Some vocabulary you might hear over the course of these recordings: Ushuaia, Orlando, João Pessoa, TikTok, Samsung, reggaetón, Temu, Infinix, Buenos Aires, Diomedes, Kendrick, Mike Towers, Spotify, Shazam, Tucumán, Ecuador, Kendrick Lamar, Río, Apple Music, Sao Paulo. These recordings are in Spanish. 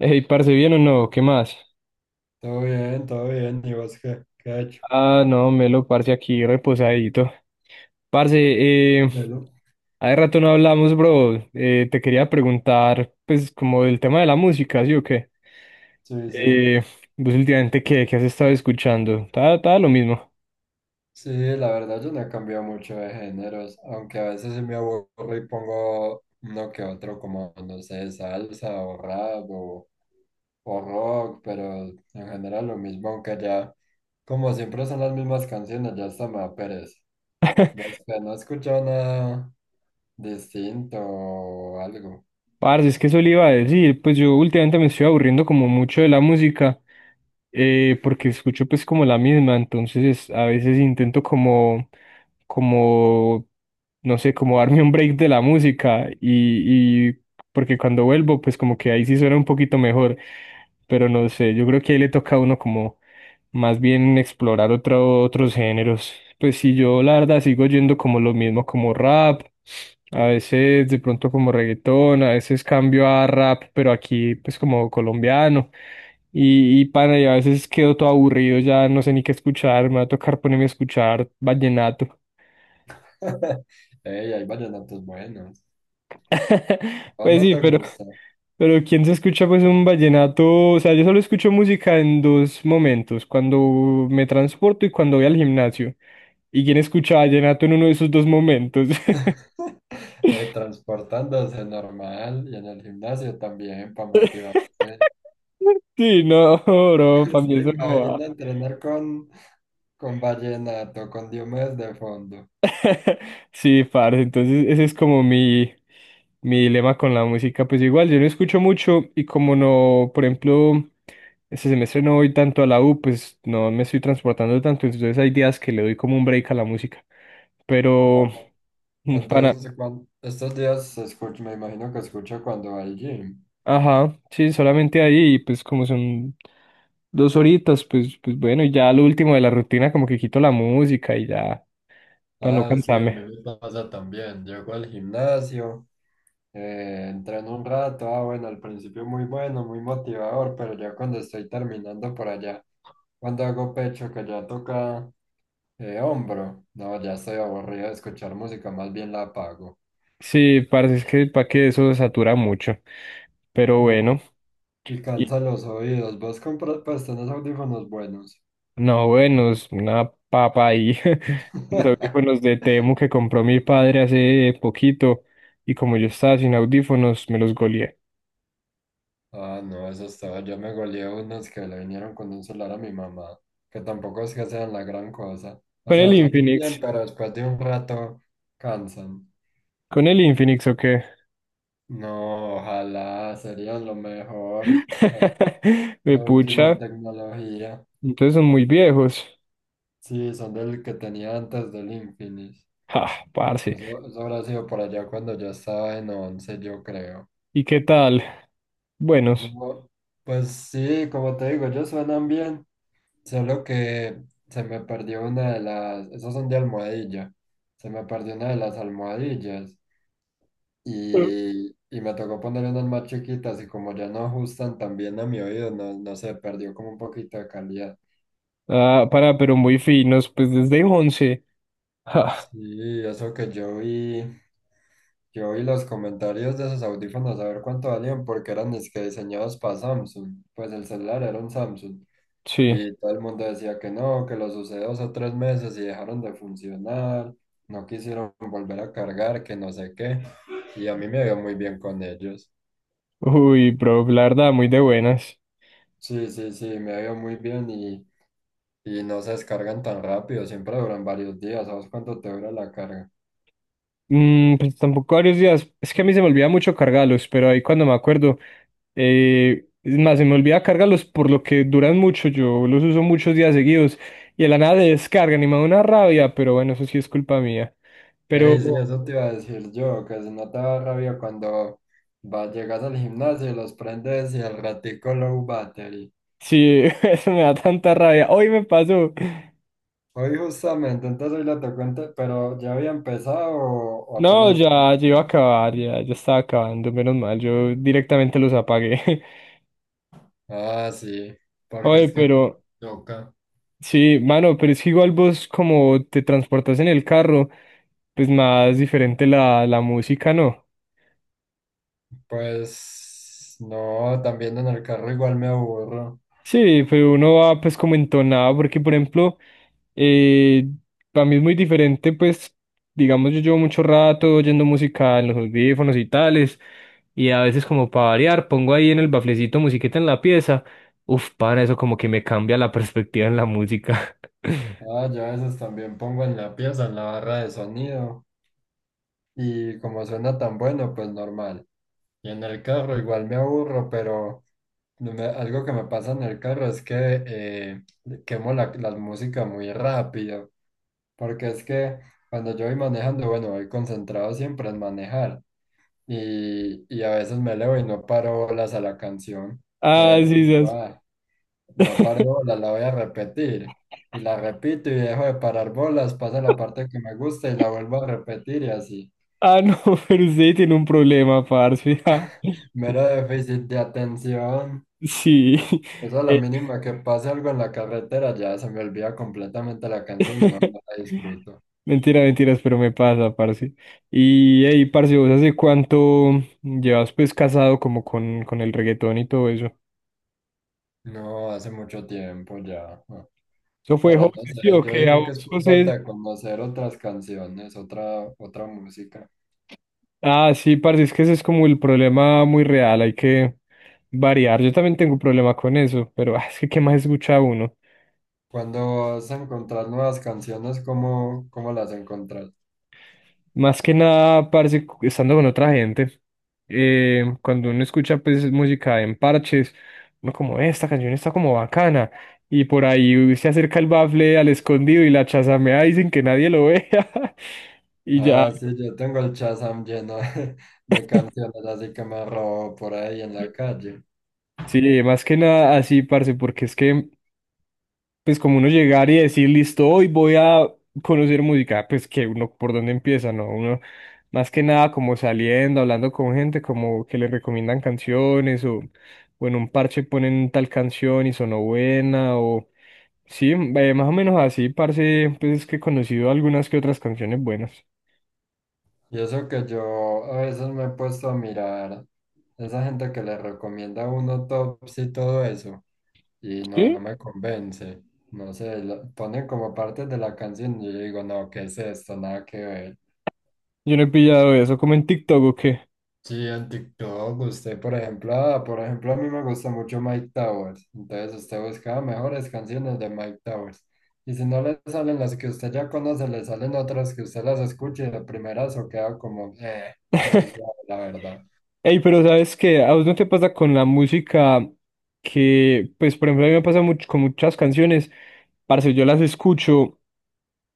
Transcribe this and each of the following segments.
Ey, parce, ¿bien o no? ¿Qué más? Todo bien, todo bien. ¿Y vos qué ha hecho? Ah, no, Melo, parce, aquí reposadito. Parce, Bueno. hace rato no hablamos, bro. Te quería preguntar, pues, como del tema de la música, ¿sí o qué? Sí, sí. Eh, Vos últimamente, ¿qué has estado escuchando. Está lo mismo. Sí, la verdad yo no he cambiado mucho de géneros, aunque a veces sí me aburro y pongo uno que otro como, no sé, salsa o rap o rock, pero en general lo mismo, aunque ya, como siempre son las mismas canciones, ya hasta me da pereza. ¿Vos que no has escuchado nada distinto o algo? Parce, es que eso le iba a decir, pues yo últimamente me estoy aburriendo como mucho de la música, porque escucho pues como la misma, entonces a veces intento como, no sé, como darme un break de la música y porque cuando vuelvo pues como que ahí sí suena un poquito mejor, pero no sé, yo creo que ahí le toca a uno como más bien explorar otros géneros. Pues si yo la verdad sigo yendo como lo mismo, como rap, a veces de pronto como reggaetón, a veces cambio a rap, pero aquí pues como colombiano. Y pana, y a veces quedo todo aburrido, ya no sé ni qué escuchar, me va a tocar ponerme a escuchar vallenato. Ey, hay vallenatos buenos. ¿O Pues no sí, te gusta? pero ¿quién se escucha pues un vallenato? O sea, yo solo escucho música en dos momentos, cuando me transporto y cuando voy al gimnasio. ¿Y quién escuchaba vallenato en uno de esos dos momentos? Transportándose normal y en el gimnasio también para motivarse. Sí, no, bro, para mí Se eso no va. imagina entrenar con, con vallenato con Diomedes de fondo. Sí, parce, entonces ese es como mi dilema con la música. Pues igual, yo no escucho mucho y como no, por ejemplo, este semestre no voy tanto a la U, pues no me estoy transportando tanto, entonces hay días que le doy como un break a la música. Ah, Pero para. entonces, estos días se escucha, me imagino que escucho cuando va al gym. Ajá, sí, solamente ahí, y pues como son dos horitas, pues, bueno, y ya lo último de la rutina, como que quito la música y ya, para no Ah, sí, a mí cansarme. me pasa también. Llego al gimnasio, entreno un rato. Ah, bueno, al principio muy bueno, muy motivador, pero ya cuando estoy terminando por allá, cuando hago pecho, que ya toca. Hombro, no, ya estoy aburrido de escuchar música, más bien la apago. Sí, parece es que para que eso satura mucho. Pero Uh, bueno, y y- cansa los oídos. Vos compras, pues tenés audífonos buenos. no, bueno, es una papa ahí. Los audífonos de Temu que compró mi padre hace poquito, y como yo estaba sin audífonos, me los goleé. Ah, no, eso es todo, yo me goleé unos que le vinieron con un celular a mi mamá, que tampoco es que sean la gran cosa. O Con el sea, suenan bien, Infinix, pero después de un rato cansan. con el Infinix, ¿o qué? No, ojalá, serían lo mejor. Ah, Me lo último pucha, en tecnología. entonces son muy viejos. Sí, son del que tenía antes del Infinix. Ah, parce. Eso habrá sido por allá cuando yo estaba en once, yo creo. ¿Y qué tal? Buenos. No, pues sí, como te digo, ellos suenan bien, solo que se me perdió una de las, esos son de almohadilla, se me perdió una de las almohadillas Mm. y me tocó poner unas más chiquitas y como ya no ajustan tan bien a mi oído, no, no sé, perdió como un poquito de calidad. Ah, para, pero muy finos, pues desde 11. Ah, Sí, eso que yo vi. Yo vi los comentarios de esos audífonos a ver cuánto valían porque eran es que diseñados para Samsung. Pues el celular era un Samsung. sí. Y todo el mundo decía que no, que los usé 2 o 3 meses y dejaron de funcionar, no quisieron volver a cargar, que no sé qué. Y a mí me vio muy bien con ellos. Uy, bro, la verdad, muy de buenas. Sí, sí, sí, me vio muy bien y no se descargan tan rápido, siempre duran varios días. ¿Sabes cuánto te dura la carga? Mm, pues tampoco varios días. Es que a mí se me olvida mucho cargarlos, pero ahí cuando me acuerdo, es más, se me olvida cargarlos por lo que duran mucho. Yo los uso muchos días seguidos y de la nada se descargan y me da una rabia, pero bueno, eso sí es culpa mía. Ey, sí, Pero eso te iba a decir yo, que si no te da rabia cuando llegas al gimnasio, los prendes y al ratico low battery. sí, eso me da tanta rabia. Hoy me pasó. Hoy justamente, entonces hoy la tocó, pero ¿ya había empezado o No, apenas? Ya iba a acabar, ya estaba acabando, menos mal, yo directamente los apagué. Ah, sí, porque Oye, es que pero toca. sí, mano, pero es que igual vos como te transportas en el carro, pues más diferente la música, ¿no? Pues no, también en el carro igual me aburro. Sí, pero uno va pues como entonado, porque por ejemplo, Eh, para mí es muy diferente, pues, digamos, yo llevo mucho rato oyendo música en los audífonos y tales, y a veces como para variar, pongo ahí en el baflecito musiquita en la pieza. Uf, para eso como que me cambia la perspectiva en la música. Ah, yo a veces también pongo en la pieza, en la barra de sonido, y como suena tan bueno, pues normal. Y en el carro igual me aburro, pero… No me- Algo que me pasa en el carro es que quemo la música muy rápido, porque es que cuando yo voy manejando, bueno, voy concentrado siempre en manejar y a veces me elevo y no paro bolas a la canción. Ah, Entonces sí, yo digo, sí. No paro bolas, la voy a repetir. Y la repito y dejo de parar bolas, pasa la parte que me gusta y la vuelvo a repetir y así. Ah, no, pero usted tiene un problema, parce. Ah, Mero déficit de atención. sí. Eso a la mínima que pase algo en la carretera ya se me olvida completamente la canción, no, no la disfruto. Mentira, mentiras, pero me pasa, parce. Y hey, parce, ¿vos hace cuánto llevas pues casado como con el reggaetón y todo eso? No, hace mucho tiempo ya. Ah. ¿Eso fue Pero no José, sí sé, o yo qué? ¿A digo que es vos, por falta José? de conocer otras canciones, otra música. Ah, sí, parce, es que ese es como el problema muy real, hay que variar. Yo también tengo problema con eso, pero ah, es que ¿qué más escucha uno? Cuando vas a encontrar nuevas canciones, ¿cómo las encontras? Más que nada, parce, estando con otra gente, cuando uno escucha pues música en parches, uno como, esta canción está como bacana", y por ahí se acerca el bafle al escondido y la chazamea y sin que nadie lo vea, y ya. Ah, sí, yo tengo el Shazam lleno de canciones así que me robo por ahí en la calle. Sí, más que nada así, parce, porque es que pues como uno llegar y decir, listo, hoy voy a conocer música, pues que uno por dónde empieza, ¿no? Uno más que nada como saliendo, hablando con gente, como que le recomiendan canciones o en un parche ponen tal canción y sonó buena o sí, más o menos así, parce, pues es que he conocido algunas que otras canciones buenas. Y eso que yo a veces me he puesto a mirar esa gente que le recomienda a uno tops y todo eso, y no, no Sí, me convence. No sé, ponen como partes de la canción y yo digo, no, ¿qué es esto? Nada que ver. yo no he pillado eso como en TikTok o qué. Sí, en TikTok, usted, por ejemplo, a mí me gusta mucho Mike Towers. Entonces usted busca mejores canciones de Mike Towers. Y si no le salen las que usted ya conoce, le salen otras que usted las escuche y de primeras o queda como, muy suave, la verdad. Ey, pero ¿sabes qué? ¿A vos no te pasa con la música que, pues, por ejemplo, a mí me pasa mucho con muchas canciones, parce? Yo las escucho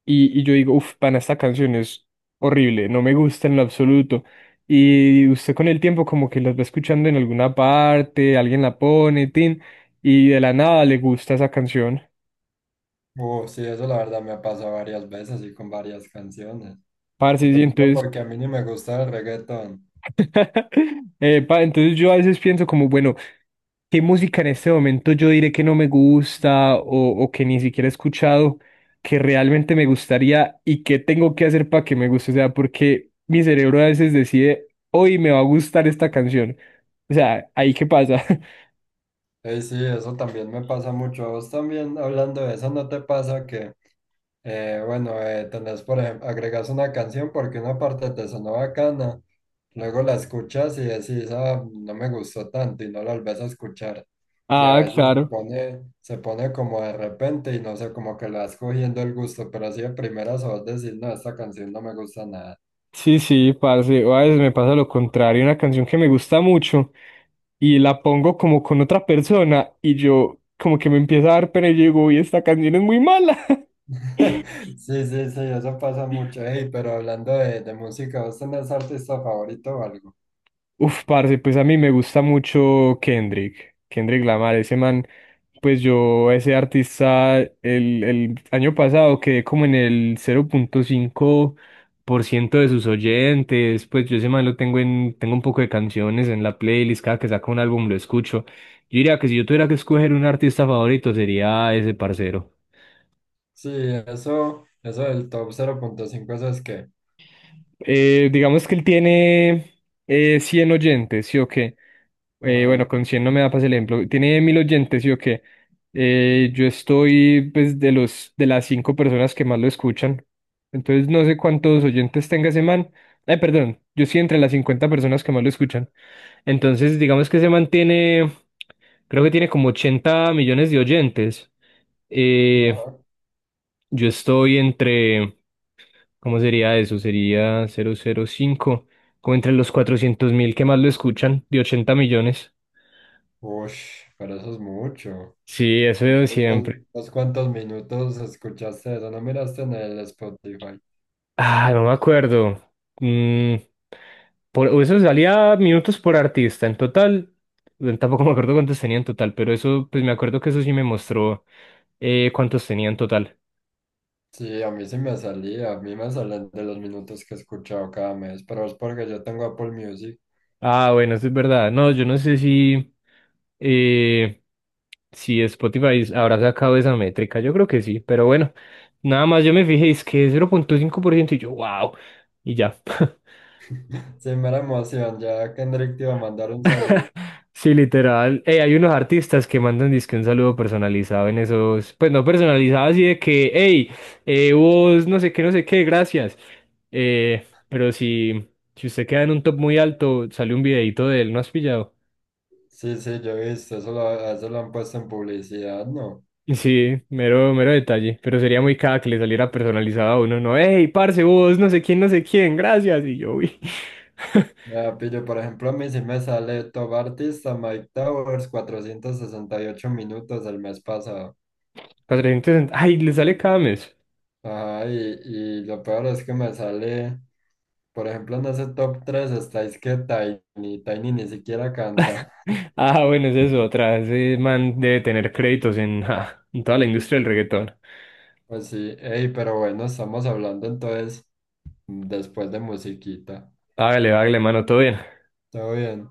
y yo digo, uff, pana, esta canción es horrible, no me gusta en lo absoluto. Y usted con el tiempo como que las va escuchando en alguna parte, alguien la pone, tin, y de la nada le gusta esa canción. Sí, eso la verdad me ha pasado varias veces y con varias canciones. Parce, y Empezando entonces porque a mí ni me gusta el reggaetón. epa, entonces yo a veces pienso como, bueno, ¿qué música en este momento yo diré que no me gusta o que ni siquiera he escuchado, que realmente me gustaría y qué tengo que hacer para que me guste? O sea, porque mi cerebro a veces decide, hoy me va a gustar esta canción. O sea, ¿ahí qué pasa? Y sí, eso también me pasa mucho. A vos también, hablando de eso, ¿no te pasa que, bueno, tenés, por ejemplo, agregas una canción porque una parte te sonó bacana, luego la escuchas y decís, ah, no me gustó tanto y no la volvés a escuchar. Y a Ah, veces se claro. pone, se pone como de repente y no sé, como que le vas cogiendo el gusto, pero así de primeras a vos decís, no, esta canción no me gusta nada. Sí, sí, parce, a veces me pasa lo contrario, una canción que me gusta mucho y la pongo como con otra persona y yo como que me empieza a dar pena y yo digo, uy, esta canción es muy mala. Sí, sí, sí, eso pasa mucho. Ey, pero hablando de música, ¿vos tenés artista favorito o algo? Uf, parce, pues a mí me gusta mucho Kendrick, Kendrick Lamar, ese man, pues yo, ese artista, el año pasado quedé como en el 0.5% de sus oyentes, pues yo ese man lo tengo un poco de canciones en la playlist, cada que saca un álbum lo escucho. Yo diría que si yo tuviera que escoger un artista favorito sería ese parcero. Sí, eso del top 0.5, eso es que… Digamos que él tiene 100 oyentes, ¿sí o qué? Bueno, Ajá, con 100 no me da para el ejemplo. Tiene 1.000 oyentes, ¿sí o qué? Yo estoy, pues, de las cinco personas que más lo escuchan. Entonces, no sé cuántos oyentes tenga ese man. Perdón, yo sí entre las 50 personas que más lo escuchan. Entonces, digamos que ese man creo que tiene como 80 millones de oyentes. Eh, ajá. yo estoy entre, ¿cómo sería eso? Sería cero cero cinco, como entre los 400.000 que más lo escuchan, de 80 millones. Ush, pero eso es mucho. Sí, eso veo Entonces, ¿vos, siempre. vos cuántos minutos escuchaste eso? ¿No miraste en el Spotify? Ah, no me acuerdo. Mm, eso salía minutos por artista. En total, tampoco me acuerdo cuántos tenía en total, pero eso, pues me acuerdo que eso sí me mostró cuántos tenía en total. Sí, a mí sí me salía, a mí me salen de los minutos que he escuchado cada mes, pero es porque yo tengo Apple Music. Ah, bueno, eso es verdad. No, yo no sé eh, si Spotify habrá sacado esa métrica. Yo creo que sí, pero bueno, nada más yo me fijé, es que es 0,5% y yo, wow, y ya. Sí, mera emoción, ya Kendrick te iba a mandar un saludo. Sí, literal. Hay unos artistas que mandan disque un saludo personalizado en esos, pues no personalizado, así de que, hey, vos no sé qué, no sé qué, gracias. Pero si usted queda en un top muy alto, sale un videito de él, ¿no has pillado? Sí, sí, yo he visto, a eso lo han puesto en publicidad, ¿no? Sí, mero, mero detalle, pero sería muy caga que le saliera personalizado a uno, no, hey, parce, vos, no sé quién, no sé quién, gracias, y yo, uy, Ah, pillo, por ejemplo, a mí sí me sale Top Artista Mike Towers 468 minutos el mes pasado. 460, ay, le sale cada mes. Ajá, y lo peor es que me sale, por ejemplo, en ese top 3 estáis que Tiny ni siquiera canta. Ah, bueno, es eso, otra, ese man debe tener créditos en, ja, en toda la industria del reggaetón. Pues sí, ey, pero bueno, estamos hablando entonces después de musiquita. Hágale, hágale, mano, todo bien. ¿Todo bien?